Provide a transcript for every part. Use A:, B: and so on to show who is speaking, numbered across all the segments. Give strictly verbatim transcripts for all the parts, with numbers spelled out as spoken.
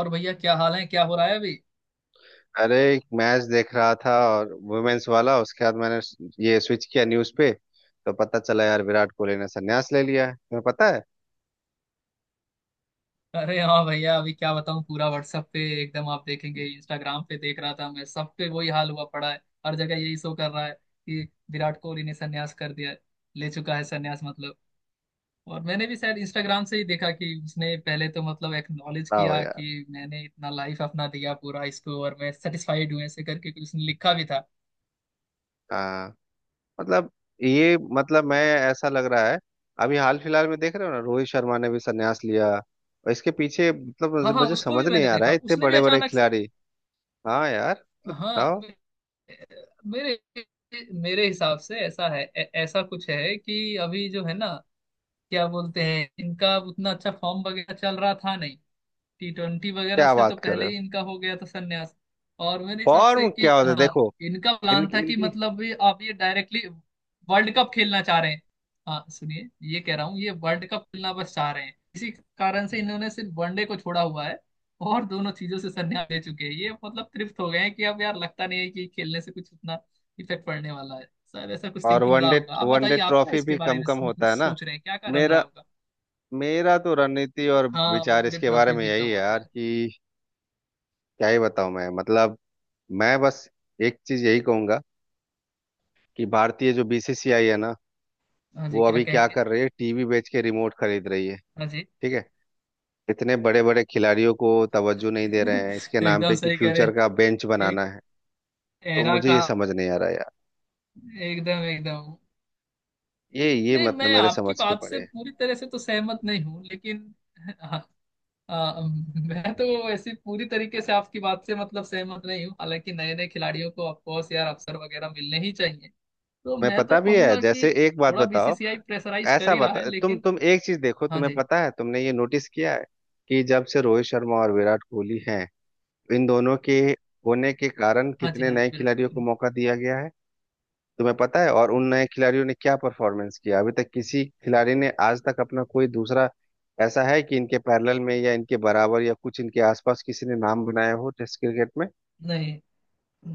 A: और भैया क्या हाल है? क्या हो रहा है अभी?
B: अरे, एक मैच देख रहा था, और वुमेन्स वाला। उसके बाद मैंने ये स्विच किया न्यूज पे, तो पता चला यार विराट कोहली ने संन्यास ले लिया है। तुम्हें पता है?
A: अरे हाँ भैया, अभी क्या बताऊँ, पूरा WhatsApp पे, एकदम आप देखेंगे, इंस्टाग्राम पे देख रहा था मैं, सब पे वही हाल हुआ पड़ा है। हर जगह यही शो कर रहा है कि विराट कोहली ने संन्यास कर दिया है, ले चुका है संन्यास मतलब। और मैंने भी शायद इंस्टाग्राम से ही देखा कि उसने पहले तो मतलब एक्नॉलेज
B: बताओ
A: किया
B: यार।
A: कि मैंने इतना लाइफ अपना दिया पूरा इसको, और मैं सेटिस्फाइड हूँ, ऐसे करके कुछ उसने लिखा भी था।
B: हाँ। मतलब ये मतलब मैं, ऐसा लग रहा है। अभी हाल फिलहाल में देख रहे हो ना, रोहित शर्मा ने भी संन्यास लिया, और इसके पीछे मतलब मुझे
A: हाँ हाँ,
B: मुझे
A: उसको
B: समझ
A: भी
B: नहीं
A: मैंने
B: आ रहा
A: देखा,
B: है, इतने
A: उसने भी
B: बड़े बड़े
A: अचानक से।
B: खिलाड़ी। हाँ यार, मतलब
A: हाँ,
B: बताओ।
A: मेरे मेरे हिसाब से ऐसा है, ऐ- ऐसा कुछ है कि अभी जो है ना, क्या बोलते हैं, इनका उतना अच्छा फॉर्म वगैरह चल रहा था नहीं। टी ट्वेंटी वगैरह
B: क्या
A: से तो
B: बात कर
A: पहले
B: रहे हो!
A: ही इनका हो गया था संन्यास। और मेरे हिसाब से
B: फॉर्म क्या
A: कि
B: होता है
A: हाँ,
B: देखो।
A: इनका प्लान
B: इनकी
A: था कि
B: इनकी
A: मतलब ये आप ये डायरेक्टली वर्ल्ड कप खेलना चाह रहे हैं। हाँ सुनिए, ये कह रहा हूँ, ये वर्ल्ड कप खेलना बस चाह रहे हैं, इसी कारण से इन्होंने सिर्फ वनडे को छोड़ा हुआ है। और दोनों चीजों से संन्यास ले चुके हैं ये, मतलब तृप्त हो गए हैं कि अब यार लगता नहीं है कि खेलने से कुछ उतना इफेक्ट पड़ने वाला है। शायद ऐसा कुछ
B: और
A: थिंकिंग रहा
B: वनडे
A: होगा। आप
B: वनडे
A: बताइए, आप क्या
B: ट्रॉफी भी
A: इसके बारे
B: कम
A: में
B: कम
A: मतलब
B: होता है ना।
A: सोच रहे हैं, क्या कारण रहा
B: मेरा
A: होगा।
B: मेरा तो रणनीति और
A: हाँ,
B: विचार
A: वनडे
B: इसके बारे
A: ट्रॉफी
B: में
A: भी
B: यही
A: कम
B: है यार
A: होता है।
B: कि, क्या ही बताऊं मैं, मतलब। मैं बस एक चीज यही कहूंगा कि भारतीय जो बीसीसीआई है ना,
A: हाँ
B: वो
A: जी, क्या
B: अभी क्या
A: कहेंगे।
B: कर रही है, टीवी बेच के रिमोट खरीद रही है।
A: हाँ जी।
B: ठीक है। इतने बड़े बड़े खिलाड़ियों को तवज्जो नहीं दे रहे हैं, इसके नाम
A: एकदम
B: पे कि
A: सही कह रहे
B: फ्यूचर
A: हैं।
B: का बेंच बनाना
A: एक
B: है। तो
A: एरा
B: मुझे ये
A: का,
B: समझ नहीं आ रहा यार,
A: एकदम एकदम।
B: ये ये
A: नहीं,
B: मतलब
A: मैं
B: मेरे
A: आपकी
B: समझ के
A: बात से
B: परे है।
A: पूरी तरह से तो सहमत नहीं हूँ लेकिन हाँ, आ, मैं तो ऐसी पूरी तरीके से आपकी बात से मतलब सहमत नहीं हूँ, हालांकि नए नए खिलाड़ियों को ऑफकोर्स यार अवसर वगैरह मिलने ही चाहिए। तो
B: मैं,
A: मैं
B: पता
A: तो
B: भी है,
A: कहूंगा कि
B: जैसे एक बात
A: थोड़ा
B: बताओ,
A: बीसीसीआई प्रेशराइज कर
B: ऐसा
A: ही रहा है
B: बता, तुम
A: लेकिन।
B: तुम एक चीज देखो,
A: हाँ
B: तुम्हें
A: जी,
B: पता है, तुमने ये नोटिस किया है कि जब से रोहित शर्मा और विराट कोहली हैं, इन दोनों के होने के कारण
A: हाँ जी,
B: कितने
A: हाँ
B: नए
A: विराट
B: खिलाड़ियों को
A: कोहली।
B: मौका दिया गया है? तुम्हें पता है? और उन नए खिलाड़ियों ने क्या परफॉर्मेंस किया? अभी तक किसी खिलाड़ी ने आज तक अपना कोई दूसरा, ऐसा है कि इनके पैरेलल में या इनके बराबर या कुछ इनके आसपास किसी ने नाम बनाया हो टेस्ट क्रिकेट में?
A: नहीं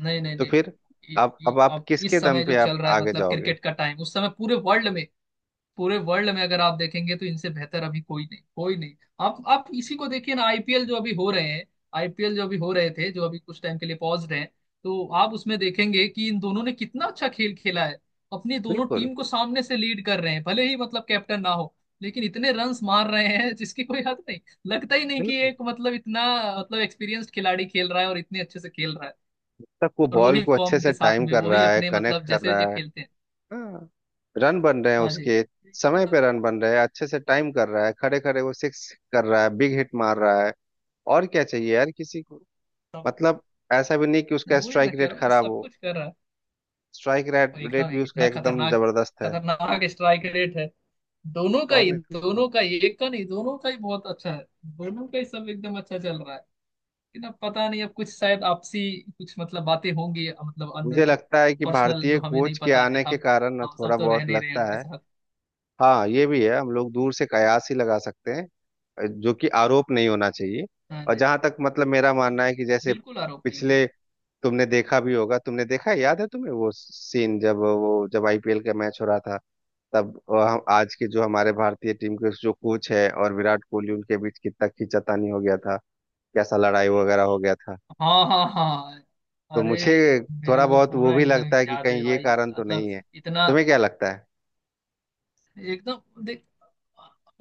A: नहीं नहीं
B: तो
A: नहीं।
B: फिर
A: ये-
B: अब
A: ये-
B: अब आप
A: अब
B: किसके
A: इस
B: दम
A: समय जो
B: पे आप
A: चल रहा है
B: आगे
A: मतलब
B: जाओगे?
A: क्रिकेट का टाइम, उस समय पूरे वर्ल्ड में, पूरे वर्ल्ड में अगर आप देखेंगे तो इनसे बेहतर अभी कोई नहीं, कोई नहीं। आप आप इसी को देखिए ना, आईपीएल जो अभी हो रहे हैं, आईपीएल जो अभी हो रहे थे, जो अभी कुछ टाइम के लिए पॉज्ड हैं, तो आप उसमें देखेंगे कि इन दोनों ने कितना अच्छा खेल खेला है। अपनी दोनों
B: बिल्कुल।
A: टीम को सामने से लीड कर रहे हैं, भले ही मतलब कैप्टन ना हो, लेकिन इतने रन्स मार रहे हैं जिसकी कोई हद नहीं। लगता ही नहीं कि
B: बिल्कुल
A: एक मतलब इतना, मतलब एक्सपीरियंस्ड खिलाड़ी खेल रहा है और इतने अच्छे से खेल रहा है।
B: तक वो
A: और
B: बॉल
A: वही
B: को अच्छे
A: फॉर्म
B: से
A: के साथ
B: टाइम
A: में
B: कर
A: वही
B: रहा है,
A: अपने
B: कनेक्ट
A: मतलब
B: कर
A: जैसे
B: रहा
A: ये
B: है।
A: खेलते हैं।
B: हाँ, रन बन रहे हैं
A: हाँ
B: उसके समय पे, रन बन रहे हैं, अच्छे से टाइम कर रहा है, खड़े खड़े वो सिक्स कर रहा है, बिग हिट मार रहा है। और क्या चाहिए यार किसी को।
A: जी,
B: मतलब ऐसा भी नहीं कि उसका
A: वही मैं
B: स्ट्राइक
A: कह
B: रेट
A: रहा हूँ,
B: खराब
A: सब
B: हो,
A: कुछ कर रहा है।
B: स्ट्राइक रेट
A: और
B: रेट
A: एकदम
B: भी उसका
A: इतना
B: एकदम
A: खतरनाक,
B: जबरदस्त है।
A: खतरनाक स्ट्राइक रेट है। दोनों का
B: और
A: ही,
B: नहीं तो।
A: दोनों का ही, एक का नहीं, दोनों का ही बहुत अच्छा है। दोनों का ही सब एकदम अच्छा चल रहा है। लेकिन अब पता नहीं, अब कुछ शायद आपसी कुछ मतलब बातें होंगी मतलब अंदर
B: मुझे
A: की,
B: लगता है कि
A: पर्सनल,
B: भारतीय
A: जो हमें नहीं
B: कोच के
A: पता है।
B: आने के
A: हम
B: कारण ना
A: हम सब
B: थोड़ा
A: तो रह
B: बहुत
A: नहीं रहे
B: लगता
A: उनके
B: है।
A: साथ।
B: हाँ, ये भी है, हम लोग दूर से कयास ही लगा सकते हैं, जो कि आरोप नहीं होना चाहिए।
A: हाँ
B: और
A: जी,
B: जहां तक मतलब मेरा मानना है कि जैसे
A: बिल्कुल आरोप नहीं है।
B: पिछले, तुमने देखा भी होगा, तुमने देखा है, याद है तुम्हें वो सीन जब, वो जब आईपीएल का मैच हो रहा था, तब अ, हम आज के जो हमारे भारतीय टीम के जो कोच है और विराट कोहली, उनके बीच कितना खींचातानी हो गया था, कैसा लड़ाई वगैरह हो गया था।
A: हाँ हाँ हाँ हाँ।
B: तो
A: अरे
B: मुझे थोड़ा
A: मेरे को
B: बहुत वो
A: पूरा
B: भी
A: एकदम
B: लगता है कि
A: याद
B: कहीं
A: है
B: ये
A: भाई,
B: कारण
A: इतना-
B: तो
A: मतलब,
B: नहीं है।
A: इतना
B: तुम्हें क्या लगता है?
A: एकदम देख।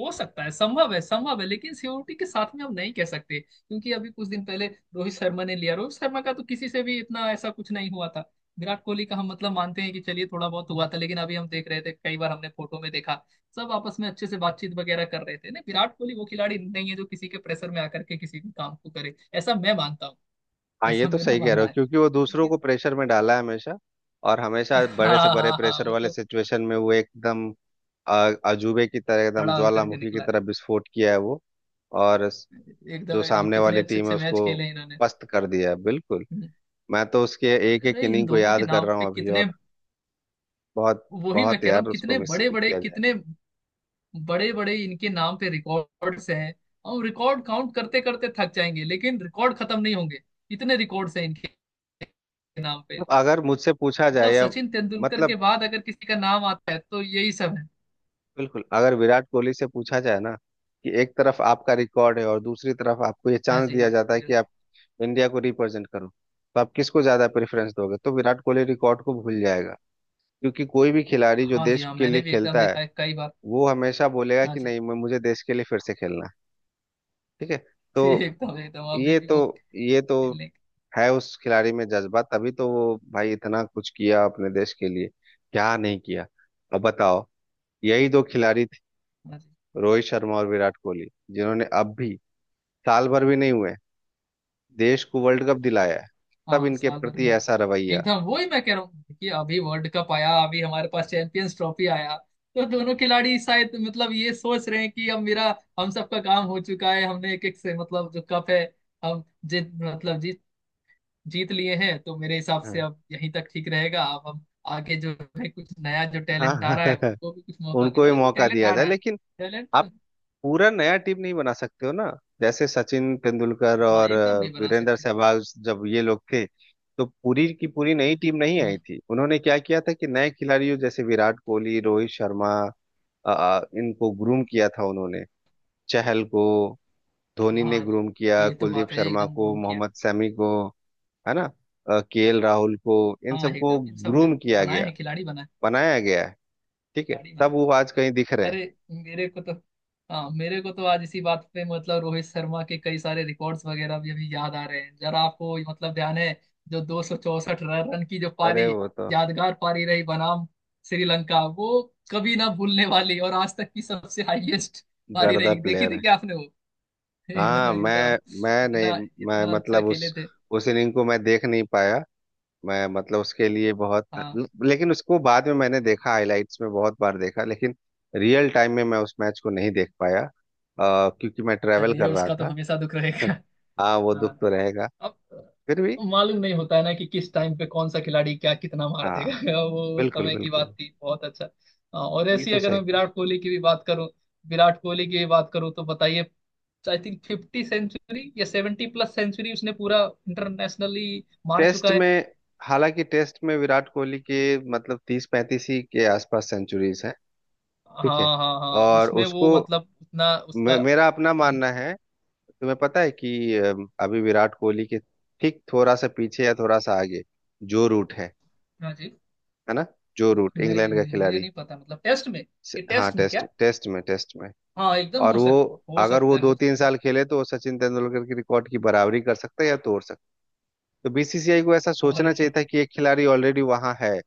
A: हो सकता है, संभव है, संभव है, लेकिन सीओटी के साथ में हम नहीं कह सकते क्योंकि अभी कुछ दिन पहले रोहित शर्मा ने लिया, रोहित शर्मा का तो किसी से भी इतना ऐसा कुछ नहीं हुआ था। विराट कोहली का हम मतलब मानते हैं कि चलिए थोड़ा बहुत हुआ था, लेकिन अभी हम देख रहे थे, कई बार हमने फोटो में देखा सब आपस में अच्छे से बातचीत वगैरह कर रहे थे ना। विराट कोहली वो खिलाड़ी नहीं है जो किसी के प्रेशर में आकर के किसी भी काम को करे, ऐसा मैं मानता हूँ,
B: हाँ, ये
A: ऐसा
B: तो
A: मेरा
B: सही कह
A: मानना
B: रहे हो,
A: है,
B: क्योंकि वो दूसरों को
A: लेकिन।
B: प्रेशर में डाला है हमेशा। और हमेशा बड़े से
A: हाँ
B: बड़े
A: हाँ हाँ,
B: प्रेशर
A: वो
B: वाले
A: तो
B: सिचुएशन में वो एकदम अ, अजूबे की तरह, एकदम
A: खड़ा होकर के
B: ज्वालामुखी की
A: निकला है।
B: तरह विस्फोट किया है वो। और स-
A: एकदम
B: जो
A: एकदम
B: सामने
A: कितने
B: वाली
A: अच्छे
B: टीम है
A: अच्छे मैच
B: उसको
A: खेले इन्होंने।
B: पस्त कर दिया है बिल्कुल। मैं तो उसके एक एक
A: अरे इन
B: इनिंग को
A: दोनों के
B: याद कर
A: नाम
B: रहा हूँ
A: पे
B: अभी,
A: कितने,
B: और बहुत।
A: वही मैं
B: बहुत
A: कह रहा
B: यार,
A: हूँ
B: उसको
A: कितने
B: मिस
A: बड़े बड़े,
B: किया जाएगा।
A: कितने बड़े बड़े इनके नाम पे रिकॉर्ड्स हैं। हम रिकॉर्ड काउंट करते करते थक जाएंगे लेकिन रिकॉर्ड खत्म नहीं होंगे, इतने रिकॉर्ड्स हैं इनके नाम
B: अब
A: पे।
B: अगर मुझसे पूछा जाए,
A: मतलब
B: या
A: सचिन तेंदुलकर के
B: मतलब,
A: बाद अगर किसी का नाम आता है तो यही सब है।
B: बिल्कुल अगर विराट कोहली से पूछा जाए ना, कि एक तरफ आपका रिकॉर्ड है और दूसरी तरफ आपको ये
A: हाँ
B: चांस
A: जी
B: दिया
A: हाँ,
B: जाता है कि आप इंडिया को रिप्रेजेंट करो, तो आप किसको ज्यादा प्रेफरेंस दोगे, तो विराट कोहली रिकॉर्ड को भूल जाएगा, क्योंकि कोई भी खिलाड़ी जो
A: हाँ जी
B: देश
A: हाँ,
B: के
A: मैंने
B: लिए
A: भी एकदम
B: खेलता है
A: देखा है कई बार।
B: वो हमेशा बोलेगा
A: हाँ
B: कि
A: जी।
B: नहीं, मैं- मुझे देश के लिए फिर से खेलना है। ठीक है।
A: जी
B: तो
A: एकदम एकदम, अभी
B: ये
A: भी
B: तो
A: वो
B: ये तो
A: खेलने।
B: है उस खिलाड़ी में जज्बा, तभी तो वो भाई इतना कुछ किया अपने देश के लिए। क्या नहीं किया। अब बताओ, यही दो खिलाड़ी,
A: हाँ जी,
B: रोहित शर्मा और विराट कोहली, जिन्होंने अब भी, साल भर भी नहीं हुए, देश को वर्ल्ड कप दिलाया है, तब
A: हाँ
B: इनके
A: साल भर भी
B: प्रति
A: नहीं।
B: ऐसा रवैया।
A: एकदम वही मैं कह रहा हूँ कि अभी वर्ल्ड कप आया, अभी हमारे पास चैंपियंस ट्रॉफी आया, तो दोनों खिलाड़ी शायद मतलब ये सोच रहे हैं कि अब मेरा, हम सबका काम हो चुका है, हमने एक एक से मतलब जो कप है, हम जीत मतलब जीत जीत लिए हैं, तो मेरे हिसाब से
B: हाँ,
A: अब यहीं तक ठीक रहेगा। अब हम आगे जो है, कुछ नया जो टैलेंट आ
B: हाँ,
A: रहा है, उनको भी कुछ मौका दें,
B: उनको भी
A: हालांकि
B: मौका
A: टैलेंट
B: दिया
A: आ
B: जाए,
A: रहा है,
B: लेकिन
A: टैलेंट।
B: आप पूरा नया टीम नहीं बना सकते हो ना। जैसे सचिन तेंदुलकर
A: हाँ
B: और
A: एकदम
B: अ,
A: नहीं बना
B: वीरेंद्र
A: सकते।
B: सहवाग जब ये लोग थे, तो पूरी की पूरी नई टीम नहीं
A: हम्म।
B: आई थी। उन्होंने क्या किया था कि नए खिलाड़ियों जैसे विराट कोहली, रोहित शर्मा, अ, इनको ग्रूम किया था उन्होंने। चहल को धोनी ने
A: हाँ
B: ग्रूम किया,
A: ये तो
B: कुलदीप
A: बात है,
B: शर्मा
A: एकदम
B: को,
A: घूम किया।
B: मोहम्मद शमी को, है ना, केएल राहुल को, इन
A: हाँ
B: सबको
A: एकदम इन सब ने
B: ग्रूम किया
A: बनाए
B: गया,
A: हैं, खिलाड़ी बनाए हैं।
B: बनाया गया है। ठीक है,
A: खिलाड़ी बना
B: तब वो आज कहीं दिख रहे
A: है।
B: हैं।
A: अरे मेरे को तो, हाँ मेरे को तो आज इसी बात पे मतलब रोहित शर्मा के कई सारे रिकॉर्ड्स वगैरह भी अभी याद आ रहे हैं। जरा आपको मतलब ध्यान है, जो दो सौ चौसठ रन की जो
B: अरे
A: पारी,
B: वो तो
A: यादगार पारी रही बनाम श्रीलंका, वो कभी ना भूलने वाली और आज तक की सबसे हाईएस्ट पारी
B: गर्दा
A: रही। देखी
B: प्लेयर
A: थी
B: है।
A: क्या आपने वो? एकदम
B: हाँ,
A: एकदम,
B: मैं मैं नहीं,
A: इतना
B: मैं
A: इतना अच्छा
B: मतलब
A: खेले
B: उस
A: थे।
B: उस इनिंग को मैं देख नहीं पाया, मैं मतलब उसके लिए बहुत,
A: हाँ
B: लेकिन उसको बाद में मैंने देखा, हाइलाइट्स में बहुत बार देखा, लेकिन रियल टाइम में मैं उस मैच को नहीं देख पाया, अ, क्योंकि मैं ट्रैवल
A: चलिए,
B: कर रहा
A: उसका तो
B: था।
A: हमेशा दुख रहेगा।
B: हाँ, वो
A: हाँ
B: दुख तो रहेगा,
A: अब
B: फिर भी।
A: मालूम नहीं होता है ना कि किस टाइम पे कौन सा खिलाड़ी क्या कितना मार
B: हाँ,
A: देगा। वो उस
B: बिल्कुल
A: समय की बात
B: बिल्कुल।
A: थी, बहुत अच्छा। हाँ, और ऐसी
B: बिल्कुल
A: अगर
B: सही
A: मैं
B: कहा।
A: विराट कोहली की भी बात करूं, विराट कोहली की भी बात करूं तो बताइए, आई थिंक फिफ्टी सेंचुरी या सेवेंटी प्लस सेंचुरी उसने पूरा इंटरनेशनली मार
B: टेस्ट
A: चुका है।
B: में, हालांकि टेस्ट में विराट कोहली के मतलब तीस पैंतीस ही के आसपास सेंचुरीज हैं। ठीक है,
A: हाँ हाँ हाँ,
B: और
A: उसमें वो
B: उसको,
A: मतलब उतना उसका।
B: मे, मेरा अपना
A: हम्म,
B: मानना है, तुम्हें पता है कि अ, अभी विराट कोहली के ठीक थोड़ा सा पीछे या थोड़ा सा आगे जो रूट है
A: हाँ जी।
B: है ना, जो रूट
A: नहीं
B: इंग्लैंड
A: नहीं,
B: का
A: मुझे
B: खिलाड़ी,
A: नहीं पता मतलब टेस्ट में,
B: से-
A: ये
B: हाँ
A: टेस्ट में
B: टेस्ट,
A: क्या,
B: टेस्ट में टेस्ट में,
A: हाँ एकदम
B: और
A: हो सक,
B: वो,
A: हो
B: अगर
A: सकता
B: वो
A: है
B: दो
A: हो
B: तीन
A: सकता
B: साल खेले तो वो सचिन तेंदुलकर की रिकॉर्ड की बराबरी कर सकता है या तोड़। तो बीसीसीआई को ऐसा
A: है। अरे
B: सोचना चाहिए
A: वाह,
B: था कि एक खिलाड़ी ऑलरेडी वहां है,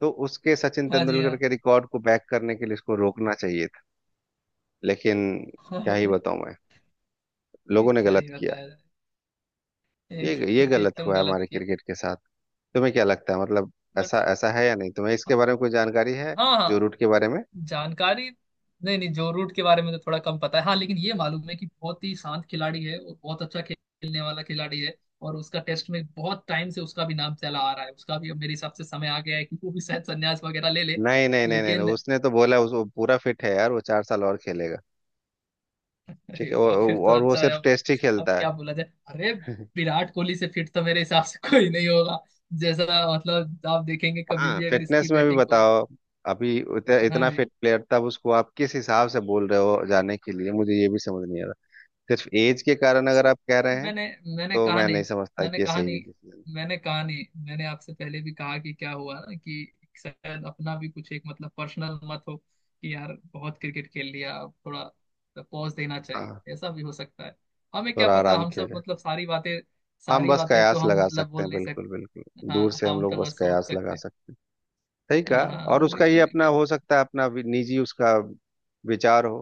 B: तो उसके, सचिन
A: हाँ जी
B: तेंदुलकर
A: हाँ।
B: के रिकॉर्ड को बैक करने के लिए इसको रोकना चाहिए था। लेकिन क्या ही
A: अरे
B: बताऊं मैं,
A: ये
B: लोगों ने
A: क्या
B: गलत
A: ही
B: किया,
A: बताया जाए।
B: ये ये
A: एकदम
B: गलत
A: एकदम
B: हुआ है
A: गलत
B: हमारे
A: किया।
B: क्रिकेट के साथ। तुम्हें क्या लगता है, मतलब, ऐसा
A: बट,
B: ऐसा है या नहीं, तुम्हें इसके बारे में कोई जानकारी है
A: हाँ
B: जो
A: हाँ,
B: रूट के बारे में?
A: जानकारी, नहीं नहीं जो रूट के बारे में तो थोड़ा कम पता है हाँ, लेकिन ये मालूम है कि बहुत ही शांत खिलाड़ी है और बहुत अच्छा खेलने वाला खिलाड़ी है। और उसका टेस्ट में बहुत टाइम से उसका भी नाम चला आ रहा है, उसका भी अब मेरे हिसाब से समय आ गया है कि वो भी शायद संन्यास वगैरह ले ले,
B: नहीं नहीं नहीं नहीं नहीं,
A: लेकिन।
B: उसने तो बोला, उस वो पूरा फिट है यार, वो चार साल और खेलेगा।
A: अरे
B: ठीक है, वो,
A: वाह, फिर
B: वो-
A: तो
B: और वो
A: अच्छा है।
B: सिर्फ
A: अब
B: टेस्ट ही
A: अब
B: खेलता है।
A: क्या बोला जाए, अरे विराट कोहली से फिट तो मेरे हिसाब से कोई नहीं होगा। जैसा, मतलब आप देखेंगे कभी
B: हाँ,
A: भी अगर
B: फिटनेस
A: इसकी
B: में भी
A: बैटिंग को।
B: बताओ, अभी उत-
A: हाँ
B: इतना फिट प्लेयर, तब उसको आप किस हिसाब से बोल रहे हो जाने के लिए, मुझे ये भी समझ नहीं आ रहा। सिर्फ एज के कारण अगर
A: तो,
B: आप कह रहे हैं
A: मैंने मैंने
B: तो
A: कहा
B: मैं
A: नहीं,
B: नहीं समझता
A: मैंने
B: कि ये
A: कहा
B: सही
A: नहीं,
B: डिसीजन।
A: मैंने कहा नहीं, मैंने आपसे पहले भी कहा कि क्या हुआ ना कि शायद अपना भी कुछ एक मतलब पर्सनल मत हो कि यार बहुत क्रिकेट खेल लिया, अब थोड़ा पॉज देना
B: हाँ,
A: चाहिए, ऐसा भी हो सकता है। हमें क्या
B: थोड़ा
A: पता,
B: आराम
A: हम
B: किया
A: सब
B: जाए।
A: मतलब सारी बातें,
B: हम
A: सारी
B: बस
A: बातें तो
B: कयास
A: हम
B: लगा
A: मतलब
B: सकते
A: बोल
B: हैं,
A: नहीं
B: बिल्कुल बिल्कुल।
A: सकते।
B: दूर
A: हाँ
B: से हम
A: हम
B: लोग
A: तो
B: बस
A: बस सोच
B: कयास लगा
A: सकते हैं।
B: सकते हैं। सही कहा।
A: हाँ हाँ,
B: और उसका
A: वही
B: ये
A: मैं भी
B: अपना
A: कह
B: हो सकता है, अपना वि- निजी उसका विचार हो,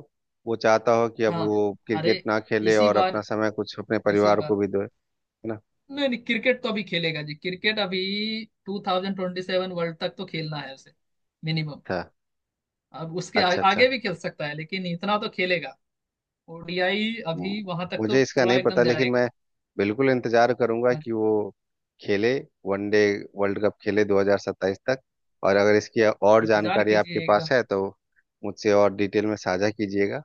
B: वो चाहता हो कि अब
A: रहा हूँ।
B: वो
A: हाँ अरे,
B: क्रिकेट ना खेले
A: इसी
B: और अपना
A: बार
B: समय कुछ अपने
A: इसी
B: परिवार को
A: बार
B: भी दे। है ना?
A: नहीं नहीं, क्रिकेट तो अभी खेलेगा जी, क्रिकेट अभी ट्वेंटी ट्वेंटी सेवन वर्ल्ड तक तो खेलना है उसे, मिनिमम।
B: अच्छा,
A: अब उसके आ,
B: अच्छा, अच्छा।
A: आगे भी खेल सकता है लेकिन इतना तो खेलेगा। ओडीआई
B: हम्म,
A: अभी वहां तक तो
B: मुझे इसका
A: पूरा
B: नहीं
A: एकदम
B: पता, लेकिन
A: जाएगा।
B: मैं बिल्कुल इंतजार करूंगा
A: हाँ
B: कि
A: जी,
B: वो खेले, वनडे वर्ल्ड कप खेले दो हज़ार सत्ताईस तक। और अगर इसकी और
A: इंतजार
B: जानकारी आपके
A: कीजिए
B: पास
A: एकदम।
B: है तो मुझसे और डिटेल में साझा कीजिएगा।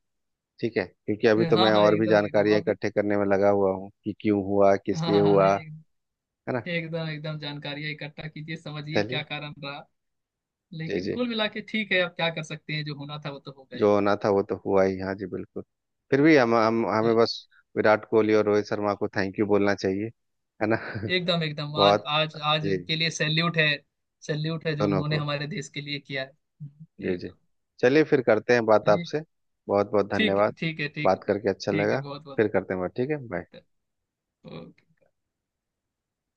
B: ठीक है, क्योंकि अभी तो
A: हाँ
B: मैं
A: हाँ
B: और भी
A: एकदम एकदम
B: जानकारियां
A: अभी,
B: इकट्ठे करने में लगा हुआ हूँ कि क्यों हुआ, किस
A: हाँ
B: लिए
A: हाँ हाँ,
B: हुआ।
A: एक,
B: है ना?
A: एकदम एकदम जानकारियां इकट्ठा कीजिए, समझिए क्या
B: चलिए।
A: कारण रहा।
B: जी
A: लेकिन
B: जी,
A: कुल मिला के ठीक है, अब क्या कर सकते हैं, जो होना था वो तो हो गए।
B: जो होना था वो तो हुआ ही, हाँ जी बिल्कुल। फिर भी हम हम हमें बस विराट कोहली और रोहित शर्मा को थैंक यू बोलना चाहिए, है ना।
A: एकदम एकदम, आज
B: बहुत।
A: आज आज
B: जी।
A: उनके लिए सैल्यूट है, सैल्यूट है जो
B: दोनों
A: उन्होंने
B: को।
A: हमारे देश के लिए किया है। हम्म,
B: जी जी,
A: एकदम।
B: चलिए फिर करते हैं बात
A: चलिए।
B: आपसे, बहुत बहुत
A: ठीक है
B: धन्यवाद।
A: ठीक है ठीक है,
B: बात करके अच्छा
A: ठीक है
B: लगा।
A: बहुत बहुत,
B: फिर करते हैं बात, ठीक है,
A: ठीक
B: बाय।
A: है, ओके।